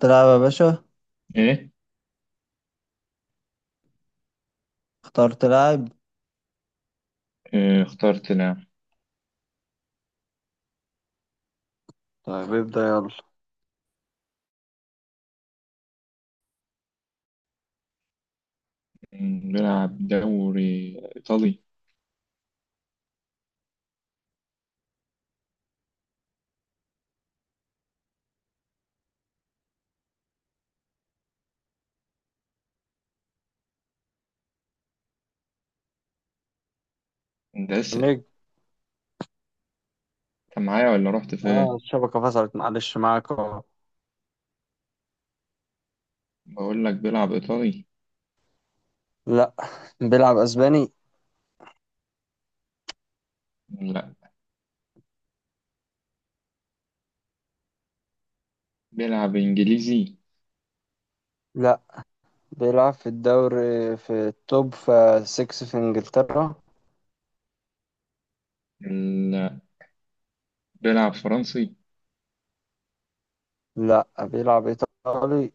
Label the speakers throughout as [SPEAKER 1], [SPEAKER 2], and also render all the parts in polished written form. [SPEAKER 1] تلعب يا باشا.
[SPEAKER 2] ايه.
[SPEAKER 1] اختار تلعب.
[SPEAKER 2] آه، اخترت نعم.
[SPEAKER 1] طيب ابدأ يلا.
[SPEAKER 2] بلعب دوري ايطالي. انت لسه.
[SPEAKER 1] نجم.
[SPEAKER 2] انت معايا ولا رحت
[SPEAKER 1] اه
[SPEAKER 2] فين؟
[SPEAKER 1] الشبكة فصلت معلش، معاك اهو.
[SPEAKER 2] بقول لك بلعب ايطالي.
[SPEAKER 1] لا، بيلعب اسباني.
[SPEAKER 2] لا، بلعب انجليزي.
[SPEAKER 1] لا، بيلعب في الدوري في التوب، في 6 في انجلترا.
[SPEAKER 2] لا، بلعب فرنسي.
[SPEAKER 1] لا، بيلعب ايطالي.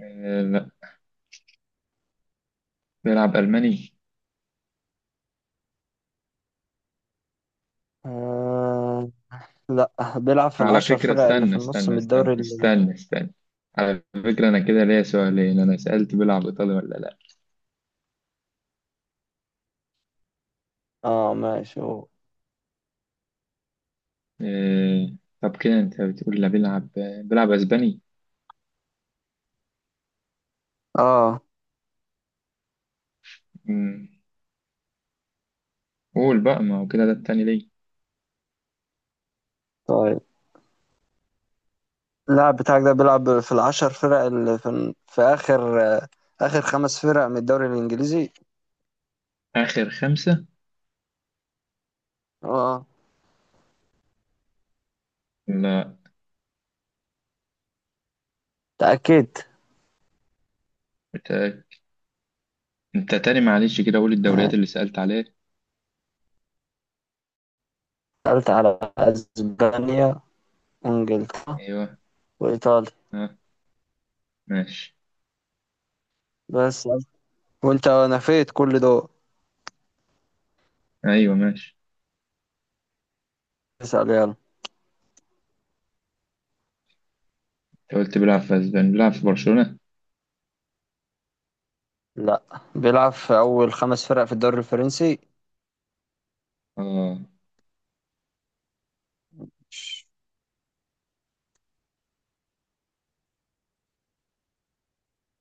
[SPEAKER 2] آه، لا، بلعب الماني.
[SPEAKER 1] آه لا، بيلعب في
[SPEAKER 2] على
[SPEAKER 1] العشر
[SPEAKER 2] فكرة
[SPEAKER 1] فرق اللي
[SPEAKER 2] استنى
[SPEAKER 1] في النص
[SPEAKER 2] استنى
[SPEAKER 1] من
[SPEAKER 2] استنى
[SPEAKER 1] الدوري
[SPEAKER 2] استنى استنى. على فكرة، انا كده ليا سؤالين. انا سألت بلعب ايطالي ولا لا؟
[SPEAKER 1] اه ماشي هو.
[SPEAKER 2] آه. طب كده انت بتقول لا، بلعب اسباني.
[SPEAKER 1] اه
[SPEAKER 2] م، قول بقى، ما هو كده ده التاني ليه؟
[SPEAKER 1] طيب، اللاعب بتاعك ده بيلعب في العشر فرق اللي في اخر اخر خمس فرق من الدوري الانجليزي.
[SPEAKER 2] اخر خمسة.
[SPEAKER 1] اه
[SPEAKER 2] لا،
[SPEAKER 1] تأكدت.
[SPEAKER 2] بتاعك. انت تاني معلش، كده قول الدوريات اللي سألت عليها.
[SPEAKER 1] سألت على أسبانيا وإنجلترا
[SPEAKER 2] ايوه.
[SPEAKER 1] وإيطاليا
[SPEAKER 2] ها، ماشي.
[SPEAKER 1] بس، وأنت نفيت كل دول.
[SPEAKER 2] ايوه، ماشي.
[SPEAKER 1] اسأل يلا.
[SPEAKER 2] انت قلت بيلعب في اسبانيا، بيلعب في برشلونة؟
[SPEAKER 1] لا، بيلعب في أول خمس فرق في الدوري الفرنسي.
[SPEAKER 2] اه.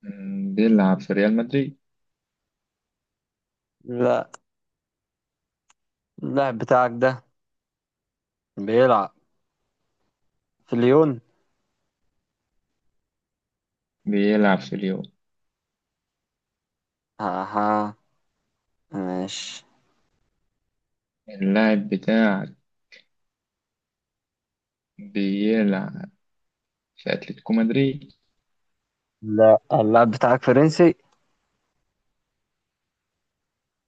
[SPEAKER 2] بيلعب في ريال مدريد.
[SPEAKER 1] لا، اللاعب بتاعك ده بيلعب في ليون.
[SPEAKER 2] بيلعب في ليون.
[SPEAKER 1] أها ماشي.
[SPEAKER 2] اللاعب بتاعك بيلعب في اتلتيكو مدريد.
[SPEAKER 1] لا، اللاعب بتاعك فرنسي.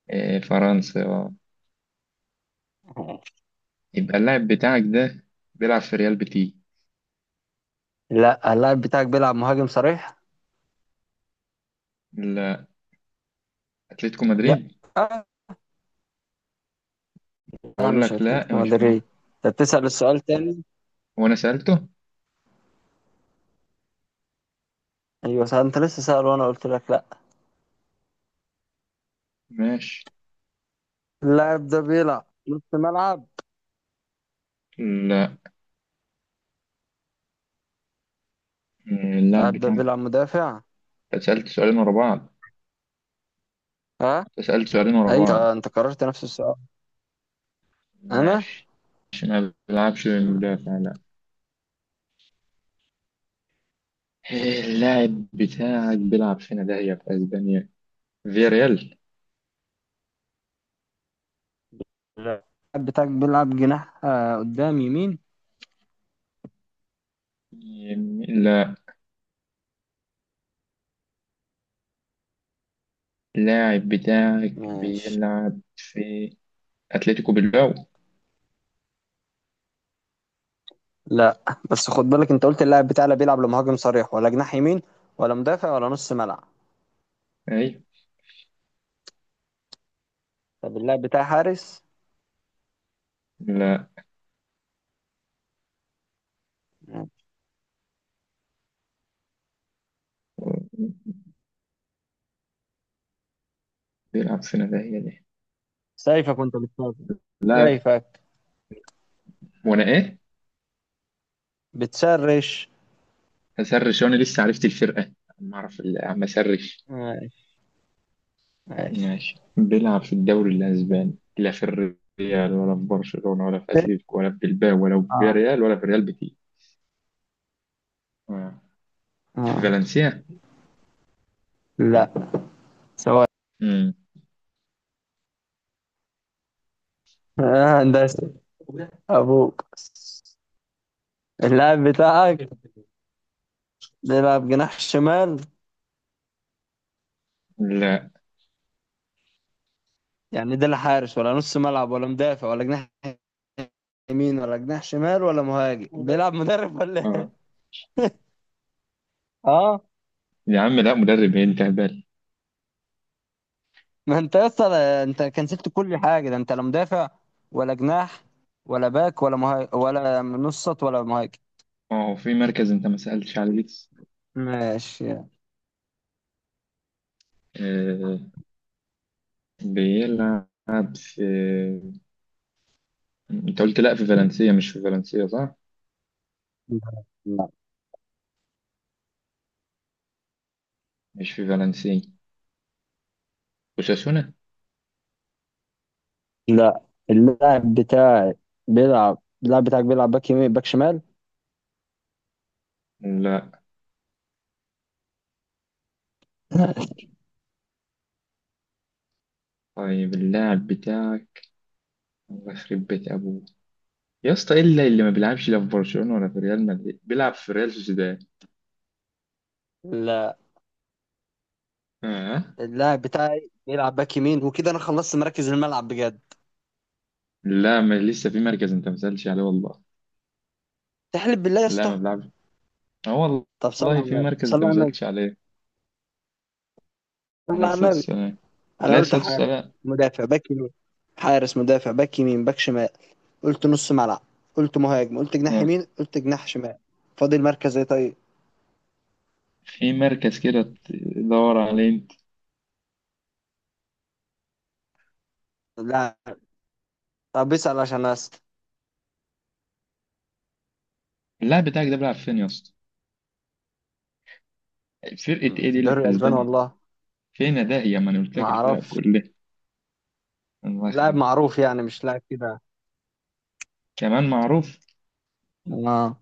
[SPEAKER 2] آه، فرنسا، اه. يبقى اللاعب بتاعك ده بيلعب في ريال بيتي.
[SPEAKER 1] لا، اللاعب بتاعك بيلعب مهاجم صريح.
[SPEAKER 2] لا، اتلتيكو
[SPEAKER 1] لا،
[SPEAKER 2] مدريد.
[SPEAKER 1] أنا
[SPEAKER 2] بقول
[SPEAKER 1] مش
[SPEAKER 2] لك لا،
[SPEAKER 1] أتلتيكو
[SPEAKER 2] مش مهم.
[SPEAKER 1] مدريد. أنت بتسأل السؤال تاني.
[SPEAKER 2] هو انا سألته؟
[SPEAKER 1] أيوة، أنت لسه سأل وأنا قلت لك لا.
[SPEAKER 2] ماشي.
[SPEAKER 1] اللاعب ده بيلعب نص ملعب.
[SPEAKER 2] لا. آه، اللاعب
[SPEAKER 1] اللاعب ده
[SPEAKER 2] بتاعك.
[SPEAKER 1] بيلعب مدافع.
[SPEAKER 2] أنت سألت سؤالين ورا بعض.
[SPEAKER 1] ها؟
[SPEAKER 2] سألت سؤالين ورا
[SPEAKER 1] اي،
[SPEAKER 2] بعض.
[SPEAKER 1] انت قررت نفس السؤال. انا
[SPEAKER 2] ماشي. مش، ما بيلعبش مدافع، لا. إيه اللاعب بتاعك بيلعب فين ده هي في اسبانيا؟ فياريال؟
[SPEAKER 1] لا، اللاعب بتاعك بيلعب جناح قدام يمين.
[SPEAKER 2] لا. اللاعب بتاعك
[SPEAKER 1] ماشي.
[SPEAKER 2] بيلعب في اتلتيكو بالباو.
[SPEAKER 1] لا بس خد بالك، انت قلت اللاعب بتاعنا بيلعب لمهاجم صريح ولا جناح يمين ولا مدافع ولا نص ملعب.
[SPEAKER 2] اي.
[SPEAKER 1] طب اللاعب بتاعي حارس؟
[SPEAKER 2] لا.
[SPEAKER 1] ماشي.
[SPEAKER 2] بيلعب فين ده هي دي؟
[SPEAKER 1] سيفك وانت بتشرش.
[SPEAKER 2] لا.
[SPEAKER 1] سيفك
[SPEAKER 2] وانا ايه؟
[SPEAKER 1] بتشرش.
[SPEAKER 2] هسرش وانا لسه عرفت الفرقة؟ ما اعرف، عم اسرش.
[SPEAKER 1] ماشي ماشي.
[SPEAKER 2] ماشي. بيلعب في الدوري الأسباني، لا في الريال ولا في برشلونة ولا في أتليتيكو ولا في بلباو ولا في
[SPEAKER 1] اه.
[SPEAKER 2] فياريال ولا في ريال بيتيس. آه. في
[SPEAKER 1] اه
[SPEAKER 2] فالنسيا؟
[SPEAKER 1] لا، سواء.
[SPEAKER 2] مم.
[SPEAKER 1] هندسة أبوك. اللاعب بتاعك بيلعب جناح شمال.
[SPEAKER 2] لا.
[SPEAKER 1] يعني ده لا حارس ولا نص ملعب ولا مدافع ولا جناح يمين ولا جناح شمال ولا مهاجم، بيلعب مدرب ولا إيه؟
[SPEAKER 2] آه.
[SPEAKER 1] اه
[SPEAKER 2] يا عم لا، مدرب إيه، انت هبال.
[SPEAKER 1] ما انت يا اسطى، انت كنسلت كل حاجه ده. انت لا مدافع ولا جناح ولا باك ولا مهاجم ولا نص خط ولا مهاجم.
[SPEAKER 2] ما هو في مركز انت ما سألتش عليه لسه.
[SPEAKER 1] ماشي.
[SPEAKER 2] آه. بيلعب في، انت قلت لا في فالنسيا؟ مش في فالنسيا صح؟
[SPEAKER 1] لا لا
[SPEAKER 2] مش في فالنسيا، أوساسونا.
[SPEAKER 1] لا. اللاعب بتاعي بيلعب، اللاعب بتاعك بيلعب باك يمين باك شمال.
[SPEAKER 2] لا. طيب اللاعب بتاعك، الله يخرب بيت أبوه يا اسطى، ايه اللي ما بيلعبش لا في برشلونة ولا في ريال مدريد، بيلعب في ريال سوسيداد؟
[SPEAKER 1] لا،
[SPEAKER 2] اه.
[SPEAKER 1] اللاعب بتاعي بيلعب باك يمين، وكده انا خلصت مراكز الملعب بجد.
[SPEAKER 2] لا، ما لسه في مركز انت ما سألتش عليه والله.
[SPEAKER 1] تحلف بالله يا
[SPEAKER 2] لا، ما
[SPEAKER 1] اسطى؟
[SPEAKER 2] بيلعبش. اه.
[SPEAKER 1] طب صلى
[SPEAKER 2] والله
[SPEAKER 1] على
[SPEAKER 2] في
[SPEAKER 1] النبي،
[SPEAKER 2] مركز انت
[SPEAKER 1] صلى
[SPEAKER 2] ما
[SPEAKER 1] على النبي،
[SPEAKER 2] سألتش عليه. عليه
[SPEAKER 1] صلى على
[SPEAKER 2] الصلاة
[SPEAKER 1] النبي.
[SPEAKER 2] والسلام.
[SPEAKER 1] انا
[SPEAKER 2] عليه
[SPEAKER 1] قلت
[SPEAKER 2] الصلاة
[SPEAKER 1] حارس،
[SPEAKER 2] والسلام.
[SPEAKER 1] مدافع، باك يمين، حارس مدافع باك يمين باك شمال، قلت نص ملعب، قلت مهاجم، قلت جناح
[SPEAKER 2] اه.
[SPEAKER 1] يمين، قلت جناح شمال. فاضل مركز ايه طيب؟
[SPEAKER 2] في مركز كده تدور عليه انت.
[SPEAKER 1] لا طب، بيسأل عشان اسال.
[SPEAKER 2] اللاعب بتاعك ده بيلعب فين يا اسطى؟ فرقة ايه
[SPEAKER 1] في
[SPEAKER 2] دي اللي
[SPEAKER 1] الدوري
[SPEAKER 2] في
[SPEAKER 1] الاسباني
[SPEAKER 2] اسبانيا؟
[SPEAKER 1] والله.
[SPEAKER 2] فين ده هي؟ ما انا قلت
[SPEAKER 1] ما
[SPEAKER 2] لك الفرق
[SPEAKER 1] اعرفش.
[SPEAKER 2] كلها. الله
[SPEAKER 1] لاعب
[SPEAKER 2] يخرب.
[SPEAKER 1] معروف يعني مش لاعب كده.
[SPEAKER 2] كمان معروف.
[SPEAKER 1] اه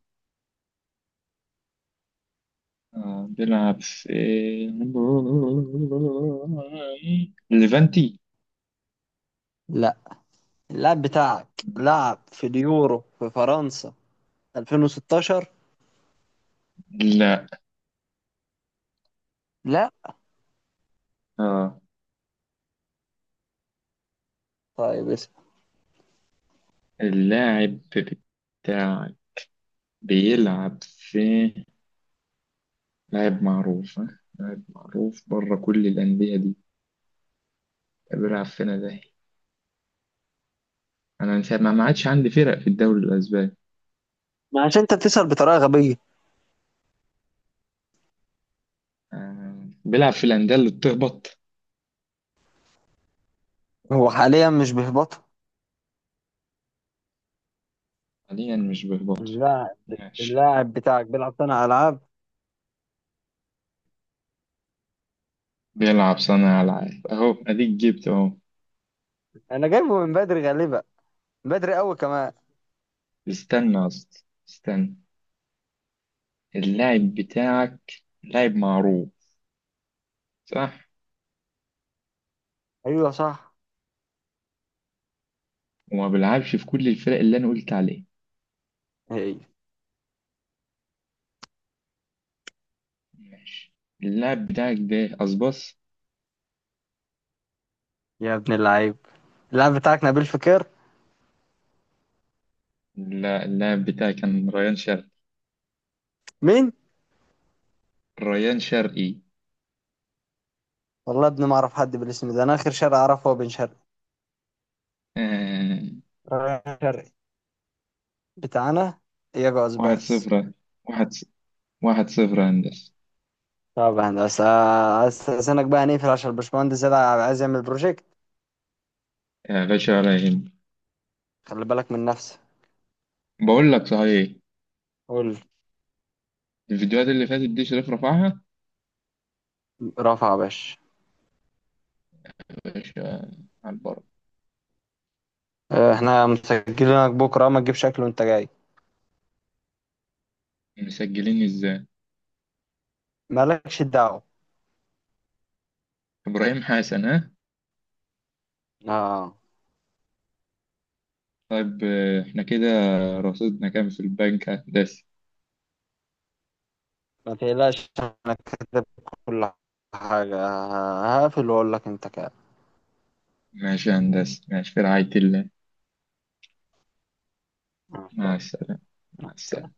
[SPEAKER 2] آه، بيلعب في ليفانتي.
[SPEAKER 1] لا، اللاعب بتاعك لعب في اليورو في فرنسا 2016.
[SPEAKER 2] لا،
[SPEAKER 1] لا،
[SPEAKER 2] اه.
[SPEAKER 1] طيب اسال.
[SPEAKER 2] اللاعب بتاعك بيلعب في، لاعب معروف ها؟ لاعب معروف بره كل الأندية دي، بيلعب فين ده؟ أنا من ساعة ما ما عادش عندي فرق في الدوري الأسباني.
[SPEAKER 1] ما عشان انت بتسأل بطريقة غبية.
[SPEAKER 2] آه. بيلعب في الأندية اللي بتهبط.
[SPEAKER 1] هو حاليا مش بيهبط.
[SPEAKER 2] حاليا مش بيهبطوا؟
[SPEAKER 1] اللاعب،
[SPEAKER 2] ماشي.
[SPEAKER 1] اللاعب بتاعك بيلعب صانع العاب.
[SPEAKER 2] بيلعب صانع ألعاب، أهو أديك جبت أهو.
[SPEAKER 1] انا جايبه من بدري غالبا، بدري قوي كمان.
[SPEAKER 2] استنى أصلا، استنى. اللاعب بتاعك لاعب معروف، صح؟
[SPEAKER 1] ايوه صح.
[SPEAKER 2] وما بيلعبش في كل الفرق اللي أنا قلت عليها.
[SPEAKER 1] ايوه.
[SPEAKER 2] ماشي. اللاعب بتاعك ده أصبص.
[SPEAKER 1] يا ابن اللعيب، اللاعب بتاعك نبيل فقير.
[SPEAKER 2] لا، اللاعب بتاعي كان ريان شرقي.
[SPEAKER 1] مين؟
[SPEAKER 2] ريان شرقي.
[SPEAKER 1] والله ابني ما اعرف حد بالاسم ده. انا اخر شارع اعرفه هو بن شرقي،
[SPEAKER 2] آه.
[SPEAKER 1] رايح شرقي بتاعنا، يجوز
[SPEAKER 2] واحد
[SPEAKER 1] بس.
[SPEAKER 2] صفر واحد ص- 1-0 يا هندسة.
[SPEAKER 1] طب هندسة، استأذنك بقى نقفل عشان الباشمهندس زياد عايز يعمل بروجكت.
[SPEAKER 2] يا باشا ولا يهم.
[SPEAKER 1] خلي بالك من نفسك.
[SPEAKER 2] بقول لك صحيح،
[SPEAKER 1] قول.
[SPEAKER 2] الفيديوهات اللي فاتت دي شريف رفعها.
[SPEAKER 1] رافع يا باشا.
[SPEAKER 2] يا باشا، على البر.
[SPEAKER 1] اه، احنا مسجلينك بكرة، ما تجيبش اكل وانت جاي.
[SPEAKER 2] مسجلين ازاي؟
[SPEAKER 1] مالكش دعوة.
[SPEAKER 2] إبراهيم حسن، ها.
[SPEAKER 1] اه.
[SPEAKER 2] طيب، احنا كده رصيدنا كام في البنك يا هندسة؟
[SPEAKER 1] ما تقلقش انا كاتب كل حاجة. هقفل واقول لك انت كده.
[SPEAKER 2] ماشي يا هندسة، ماشي في رعاية الله.
[SPEAKER 1] مع
[SPEAKER 2] مع
[SPEAKER 1] السلامة.
[SPEAKER 2] السلامة. مع
[SPEAKER 1] مع السلامة.
[SPEAKER 2] السلامة.